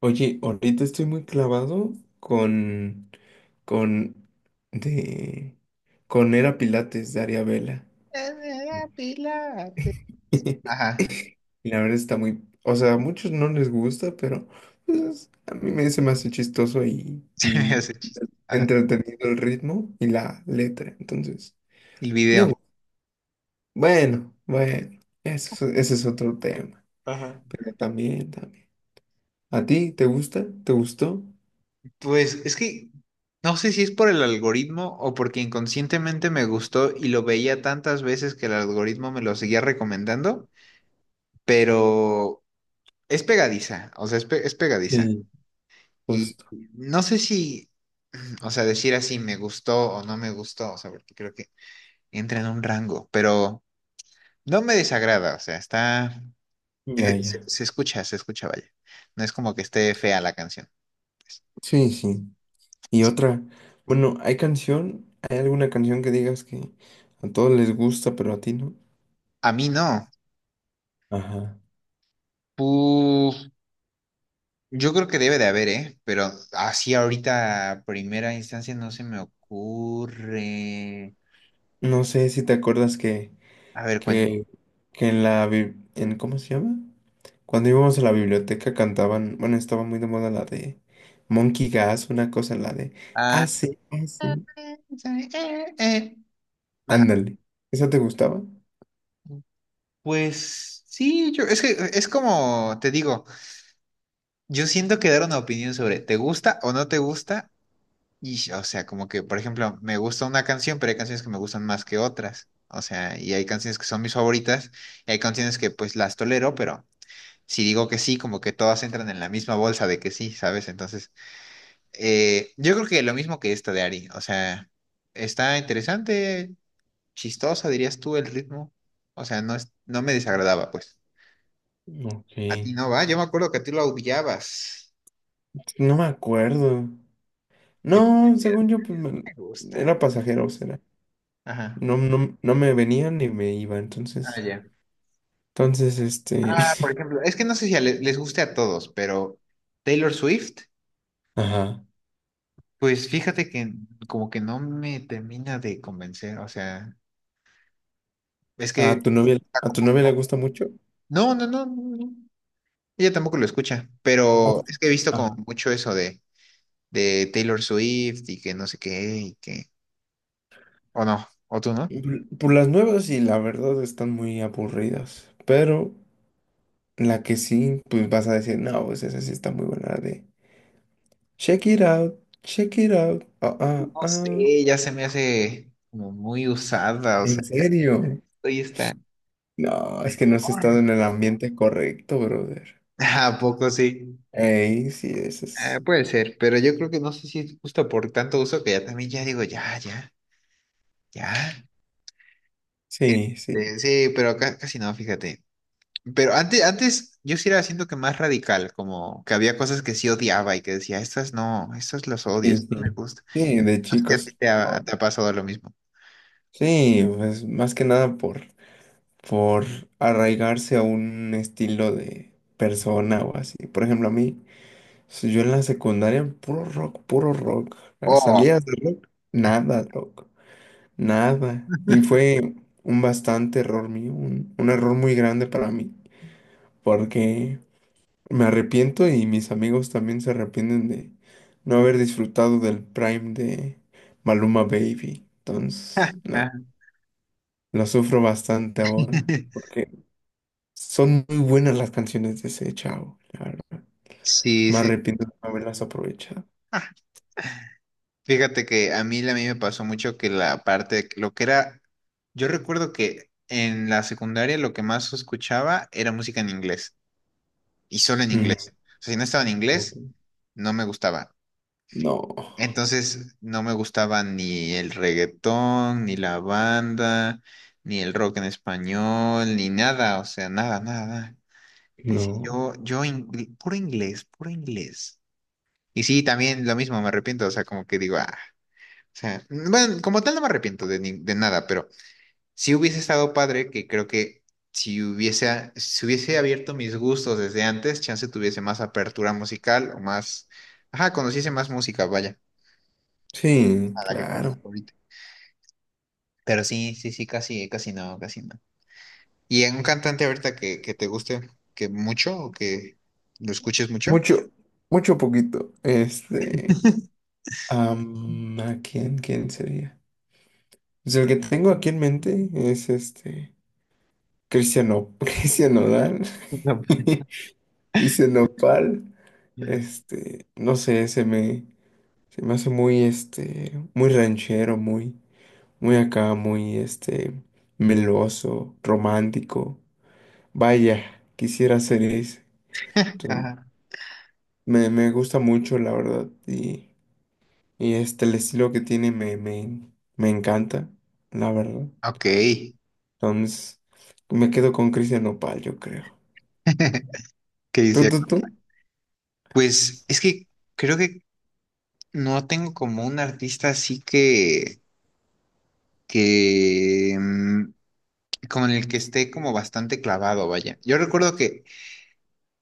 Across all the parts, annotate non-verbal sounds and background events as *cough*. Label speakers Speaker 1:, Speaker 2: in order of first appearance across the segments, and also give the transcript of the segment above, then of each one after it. Speaker 1: Oye, ahorita estoy muy clavado con, con, de, con Era Pilates de Aria Vela. *laughs*
Speaker 2: Pilates. Ajá,
Speaker 1: Y la verdad está muy, o sea, a muchos no les gusta, pero pues, se me hace chistoso y,
Speaker 2: *laughs* se me
Speaker 1: y
Speaker 2: hace chiste. Ajá,
Speaker 1: entretenido el ritmo y la letra. Entonces,
Speaker 2: el
Speaker 1: me
Speaker 2: video.
Speaker 1: gusta. Bueno, bueno, ese es otro tema.
Speaker 2: Ajá.
Speaker 1: Pero también, también. ¿A ti te gusta? ¿Te gustó?
Speaker 2: Pues es que no sé si es por el algoritmo o porque inconscientemente me gustó y lo veía tantas veces que el algoritmo me lo seguía recomendando, pero es pegadiza, o sea, es pegadiza.
Speaker 1: Sí,
Speaker 2: Y
Speaker 1: justo.
Speaker 2: no sé si, *clears throat* o sea, decir así me gustó o no me gustó, o sea, porque creo que entra en un rango, pero no me desagrada, o sea, está.
Speaker 1: Ya, ya.
Speaker 2: Se escucha, vaya. No es como que esté fea la canción. Pues.
Speaker 1: Sí, sí. Y
Speaker 2: Es-
Speaker 1: otra, bueno, ¿hay canción? ¿Hay alguna canción que digas que a todos les gusta, pero a ti no?
Speaker 2: a mí no.
Speaker 1: Ajá.
Speaker 2: Pu- yo creo que debe de haber, ¿eh? Pero así ahorita, a primera instancia, no se me ocurre.
Speaker 1: No sé si te acuerdas
Speaker 2: A ver, cuéntame.
Speaker 1: que, que en la, bi- en, ¿cómo se llama? Cuando íbamos a la biblioteca cantaban, bueno, estaba muy de moda la de Monkey Gas, una cosa, la de
Speaker 2: Ah,
Speaker 1: hace.
Speaker 2: eh, eh, eh. Ajá.
Speaker 1: Ándale. ¿Esa te gustaba?
Speaker 2: Pues sí, yo, es que es como te digo, yo siento que dar una opinión sobre te gusta o no te gusta. Y, o sea, como que, por ejemplo, me gusta una canción, pero hay canciones que me gustan más que otras. O sea, y hay canciones que son mis favoritas, y hay canciones que pues las tolero, pero si digo que sí, como que todas entran en la misma bolsa de que sí, ¿sabes? Entonces, yo creo que lo mismo que esta de Ari. O sea, está interesante, chistosa, dirías tú, el ritmo. O sea, no me desagradaba, pues.
Speaker 1: Ok.
Speaker 2: A ti no va, yo me acuerdo que a ti lo odiabas.
Speaker 1: No me acuerdo.
Speaker 2: Que te
Speaker 1: No,
Speaker 2: decías,
Speaker 1: según yo,
Speaker 2: me gusta.
Speaker 1: era pasajero,
Speaker 2: Ajá.
Speaker 1: no me venía ni me iba,
Speaker 2: Ah,
Speaker 1: entonces,
Speaker 2: ya.
Speaker 1: entonces, este,
Speaker 2: Ah, por ejemplo, es que no sé si les guste a todos, pero Taylor Swift,
Speaker 1: *laughs* ajá,
Speaker 2: pues fíjate que como que no me termina de convencer, o sea, es que está
Speaker 1: a
Speaker 2: como...
Speaker 1: tu novia le gusta mucho.
Speaker 2: No, no, no, no, no. Ella tampoco lo escucha, pero es
Speaker 1: Oye,
Speaker 2: que he visto
Speaker 1: ajá.
Speaker 2: como mucho eso de Taylor Swift y que no sé qué, y que... O no, o tú no.
Speaker 1: Por las nuevas sí la verdad están muy aburridas, pero la que sí, pues vas a decir, no, pues esa sí está muy buena, la de Check It Out, Check It Out, ah, ah,
Speaker 2: No
Speaker 1: ah.
Speaker 2: sé, ya se me hace como muy usada, o sea,
Speaker 1: ¿En serio?
Speaker 2: hoy está...
Speaker 1: No, es que no has estado
Speaker 2: enorme.
Speaker 1: en el ambiente correcto, brother.
Speaker 2: *laughs* ¿A poco sí?
Speaker 1: Ey, sí, eso
Speaker 2: Ah,
Speaker 1: es,
Speaker 2: puede ser, pero yo creo que no sé si es justo por tanto uso que ya también ya digo, ya, ya, ya.
Speaker 1: sí, sí.
Speaker 2: Este, sí, pero acá casi no, fíjate. Pero antes, antes yo sí era, siento que más radical, como que había cosas que sí odiaba y que decía, estas no, estas las odio,
Speaker 1: Sí,
Speaker 2: estas no me
Speaker 1: sí,
Speaker 2: gustan.
Speaker 1: sí, de
Speaker 2: No sé si a ti
Speaker 1: chicos. Oh,
Speaker 2: te ha pasado lo mismo.
Speaker 1: sí, pues más que nada por, por arraigarse a un estilo de persona o así. Por ejemplo, a mí, si yo en la secundaria, puro rock, puro rock.
Speaker 2: Oh.
Speaker 1: Salías de rock, nada rock, nada. Y fue un bastante error mío, un error muy grande para mí, porque me arrepiento y mis amigos también se arrepienten de no haber disfrutado del Prime de Maluma Baby. Entonces, no,
Speaker 2: Ajá.
Speaker 1: lo sufro bastante ahora.
Speaker 2: *laughs*
Speaker 1: Porque son muy buenas las canciones de ese chavo, la verdad.
Speaker 2: Sí,
Speaker 1: Me
Speaker 2: sí.
Speaker 1: arrepiento de no haberlas aprovechado.
Speaker 2: Ah, fíjate que a mí me pasó mucho que la parte, de que lo que era, yo recuerdo que en la secundaria lo que más escuchaba era música en inglés. Y solo en
Speaker 1: Mm,
Speaker 2: inglés. O sea, si no estaba en inglés,
Speaker 1: ok.
Speaker 2: no me gustaba.
Speaker 1: No,
Speaker 2: Entonces, no me gustaba ni el reggaetón, ni la banda, ni el rock en español, ni nada, o sea, nada, nada, nada. Decía,
Speaker 1: no.
Speaker 2: yo, puro inglés, puro inglés. Y sí, también lo mismo, me arrepiento, o sea, como que digo, ah, o sea, bueno, como tal no me arrepiento de, de nada, pero si hubiese estado padre, que creo que si hubiese abierto mis gustos desde antes, chance tuviese más apertura musical o más, ajá, conociese más música, vaya,
Speaker 1: Sí,
Speaker 2: a la que
Speaker 1: claro.
Speaker 2: conozco ahorita. Pero sí, sí, sí, casi, casi no, casi no. ¿Y en un cantante ahorita que te guste que mucho o que lo escuches mucho?
Speaker 1: Mucho, mucho poquito. ¿A quién, quién sería? Pues el que tengo aquí en mente es este. Cristiano, *laughs* Cristian Nodal,
Speaker 2: No.
Speaker 1: *laughs* Cristian Nopal, este, no sé, se me hace muy, este, muy ranchero, muy, muy acá, muy, este, meloso, romántico. Vaya, quisiera ser ese.
Speaker 2: *laughs*
Speaker 1: Sí,
Speaker 2: Ajá.
Speaker 1: Me gusta mucho, la verdad, y el estilo que tiene me encanta, la verdad.
Speaker 2: Ok.
Speaker 1: Entonces, me quedo con Cristian Nopal, yo creo.
Speaker 2: *laughs* ¿Qué
Speaker 1: ¿Tú,
Speaker 2: dice?
Speaker 1: tú, tú?
Speaker 2: Pues es que creo que no tengo como un artista así que como en el que esté como bastante clavado, vaya. Yo recuerdo que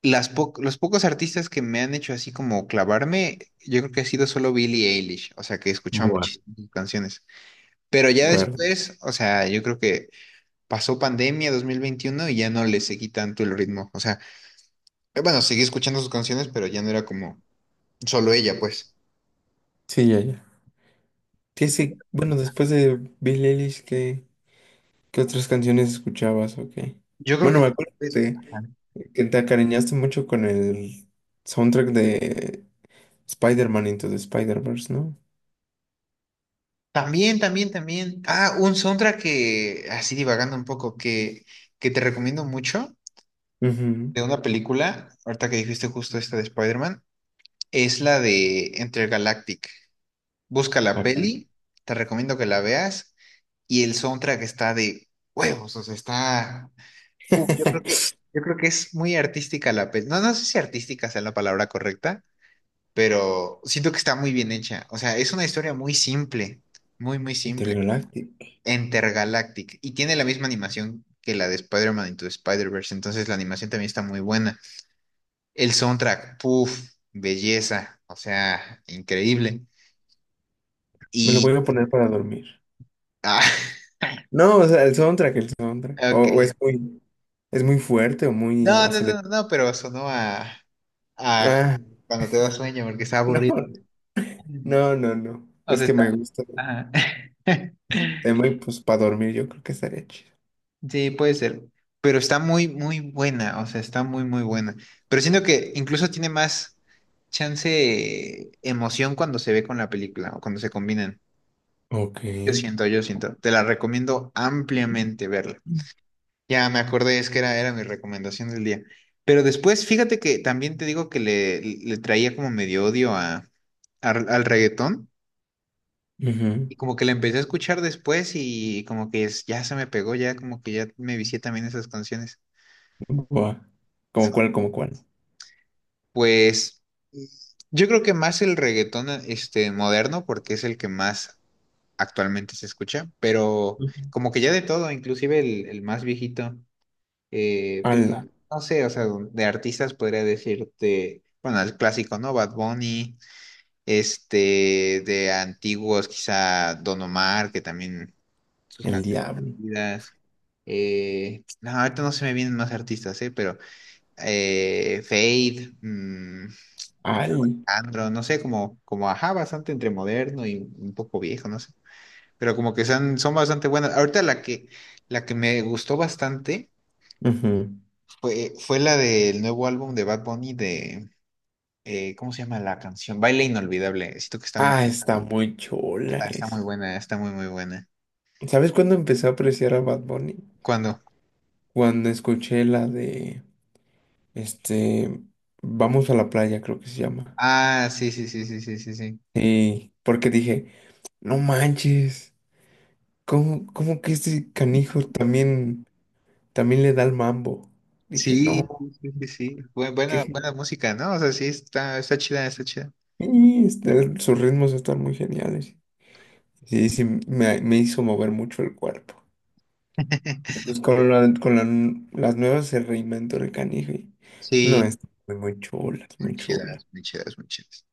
Speaker 2: los pocos artistas que me han hecho así como clavarme, yo creo que ha sido solo Billie Eilish, o sea, que he escuchado
Speaker 1: Bueno.
Speaker 2: muchísimas sus canciones. Pero
Speaker 1: De
Speaker 2: ya
Speaker 1: acuerdo.
Speaker 2: después, o sea, yo creo que pasó pandemia 2021 y ya no le seguí tanto el ritmo. O sea, bueno, seguí escuchando sus canciones, pero ya no era como solo ella, pues.
Speaker 1: Sí, ya, ya. ¿Qué sí? Bueno, después de Bill Eilish, ¿qué otras canciones escuchabas o qué?
Speaker 2: Yo creo
Speaker 1: Bueno,
Speaker 2: que
Speaker 1: me acuerdo
Speaker 2: después- ajá.
Speaker 1: que te acariñaste mucho con el soundtrack de Spider-Man Into the Spider-Verse, ¿no?
Speaker 2: También, también, también. Ah, un soundtrack que, así divagando un poco, que te recomiendo mucho.
Speaker 1: Ujú.
Speaker 2: De una película, ahorita que dijiste justo esta de Spider-Man, es la de Intergalactic. Busca la
Speaker 1: Ah, caray.
Speaker 2: peli, te recomiendo que la veas, y el soundtrack está de huevos, o sea, está... Uf,
Speaker 1: *laughs*
Speaker 2: yo creo que es muy artística la peli. No, no sé si artística sea la palabra correcta, pero siento que está muy bien hecha. O sea, es una historia muy simple, muy, muy simple.
Speaker 1: Intergaláctico.
Speaker 2: Intergalactic, y tiene la misma animación que la de Spider-Man Into the Spider-Verse, entonces la animación también está muy buena. El soundtrack, puff belleza, o sea, increíble.
Speaker 1: Me lo
Speaker 2: Y,
Speaker 1: voy a poner para dormir.
Speaker 2: ah, *laughs*
Speaker 1: No, o sea, el soundtrack.
Speaker 2: ok.
Speaker 1: O es muy fuerte o muy
Speaker 2: No, no, no,
Speaker 1: acelerado.
Speaker 2: no, pero sonó a
Speaker 1: Ah,
Speaker 2: cuando te da sueño porque está
Speaker 1: *laughs* no,
Speaker 2: aburrido.
Speaker 1: no, no, no.
Speaker 2: O
Speaker 1: Es
Speaker 2: sea,
Speaker 1: que
Speaker 2: está,
Speaker 1: me gusta el
Speaker 2: ajá. *laughs*
Speaker 1: tema y pues para dormir yo creo que estaría chido.
Speaker 2: Sí, puede ser, pero está muy, muy buena, o sea, está muy, muy buena. Pero siento que incluso tiene más chance, emoción cuando se ve con la película o cuando se combinan.
Speaker 1: Ok.
Speaker 2: Yo siento, yo siento. Te la recomiendo ampliamente verla. Ya me acordé, es que era mi recomendación del día. Pero después, fíjate que también te digo que le traía como medio odio al reggaetón
Speaker 1: Ujú.
Speaker 2: y como que la empecé a escuchar después y como que ya se me pegó, ya como que ya me vicié también esas canciones.
Speaker 1: Buah. ¿Cómo
Speaker 2: *laughs*
Speaker 1: cuál? ¿Cómo cuál?
Speaker 2: Pues yo creo que más el reggaetón este moderno porque es el que más actualmente se escucha, pero
Speaker 1: Ujú.
Speaker 2: como que ya de todo, inclusive el más viejito. Pues,
Speaker 1: Ala,
Speaker 2: no sé, o sea, de artistas podría decirte, bueno, el clásico, ¿no? Bad Bunny, este, de antiguos, quizá Don Omar, que también sus
Speaker 1: el diablo.
Speaker 2: canciones. No, ahorita no se me vienen más artistas, ¿eh? Pero Fade,
Speaker 1: Al,
Speaker 2: Alejandro, no sé, como, como ajá, bastante entre moderno y un poco viejo, no sé. Pero como que son, son bastante buenas. Ahorita la que me gustó bastante.
Speaker 1: ujú.
Speaker 2: Fue la del nuevo álbum de Bad Bunny de, ¿cómo se llama la canción? Baile Inolvidable. Siento que está muy,
Speaker 1: Ah, está muy chula
Speaker 2: está, está muy
Speaker 1: es.
Speaker 2: buena, está muy, muy buena.
Speaker 1: ¿Sabes cuándo empecé a apreciar a Bad Bunny?
Speaker 2: ¿Cuándo?
Speaker 1: Cuando escuché la de, este, Vamos a la playa, creo que se llama.
Speaker 2: Ah, sí, sí, sí, sí, sí, sí, sí.
Speaker 1: Sí, porque dije, no manches, ¿cómo que este canijo también, también le da el mambo? Dije, no,
Speaker 2: Sí, sí, sí, sí, sí.
Speaker 1: qué.
Speaker 2: Buena, buena música, ¿no? O sea, sí, está, está chida, está chida.
Speaker 1: Y este, sus ritmos están muy geniales. Sí, sí, me hizo mover mucho el cuerpo.
Speaker 2: *laughs*
Speaker 1: Pues con las nuevas se reinventó el canijo. No,
Speaker 2: Sí,
Speaker 1: es muy, muy chula, es
Speaker 2: muy
Speaker 1: muy chula.
Speaker 2: chidas, muy chidas, muy chidas.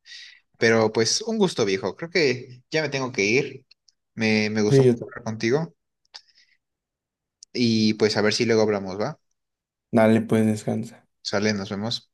Speaker 2: Pero pues un gusto, viejo. Creo que ya me tengo que ir. Me gustó
Speaker 1: Sí,
Speaker 2: mucho
Speaker 1: yo.
Speaker 2: hablar contigo. Y pues a ver si luego hablamos, ¿va?
Speaker 1: Dale, pues descansa.
Speaker 2: Sale, nos vemos.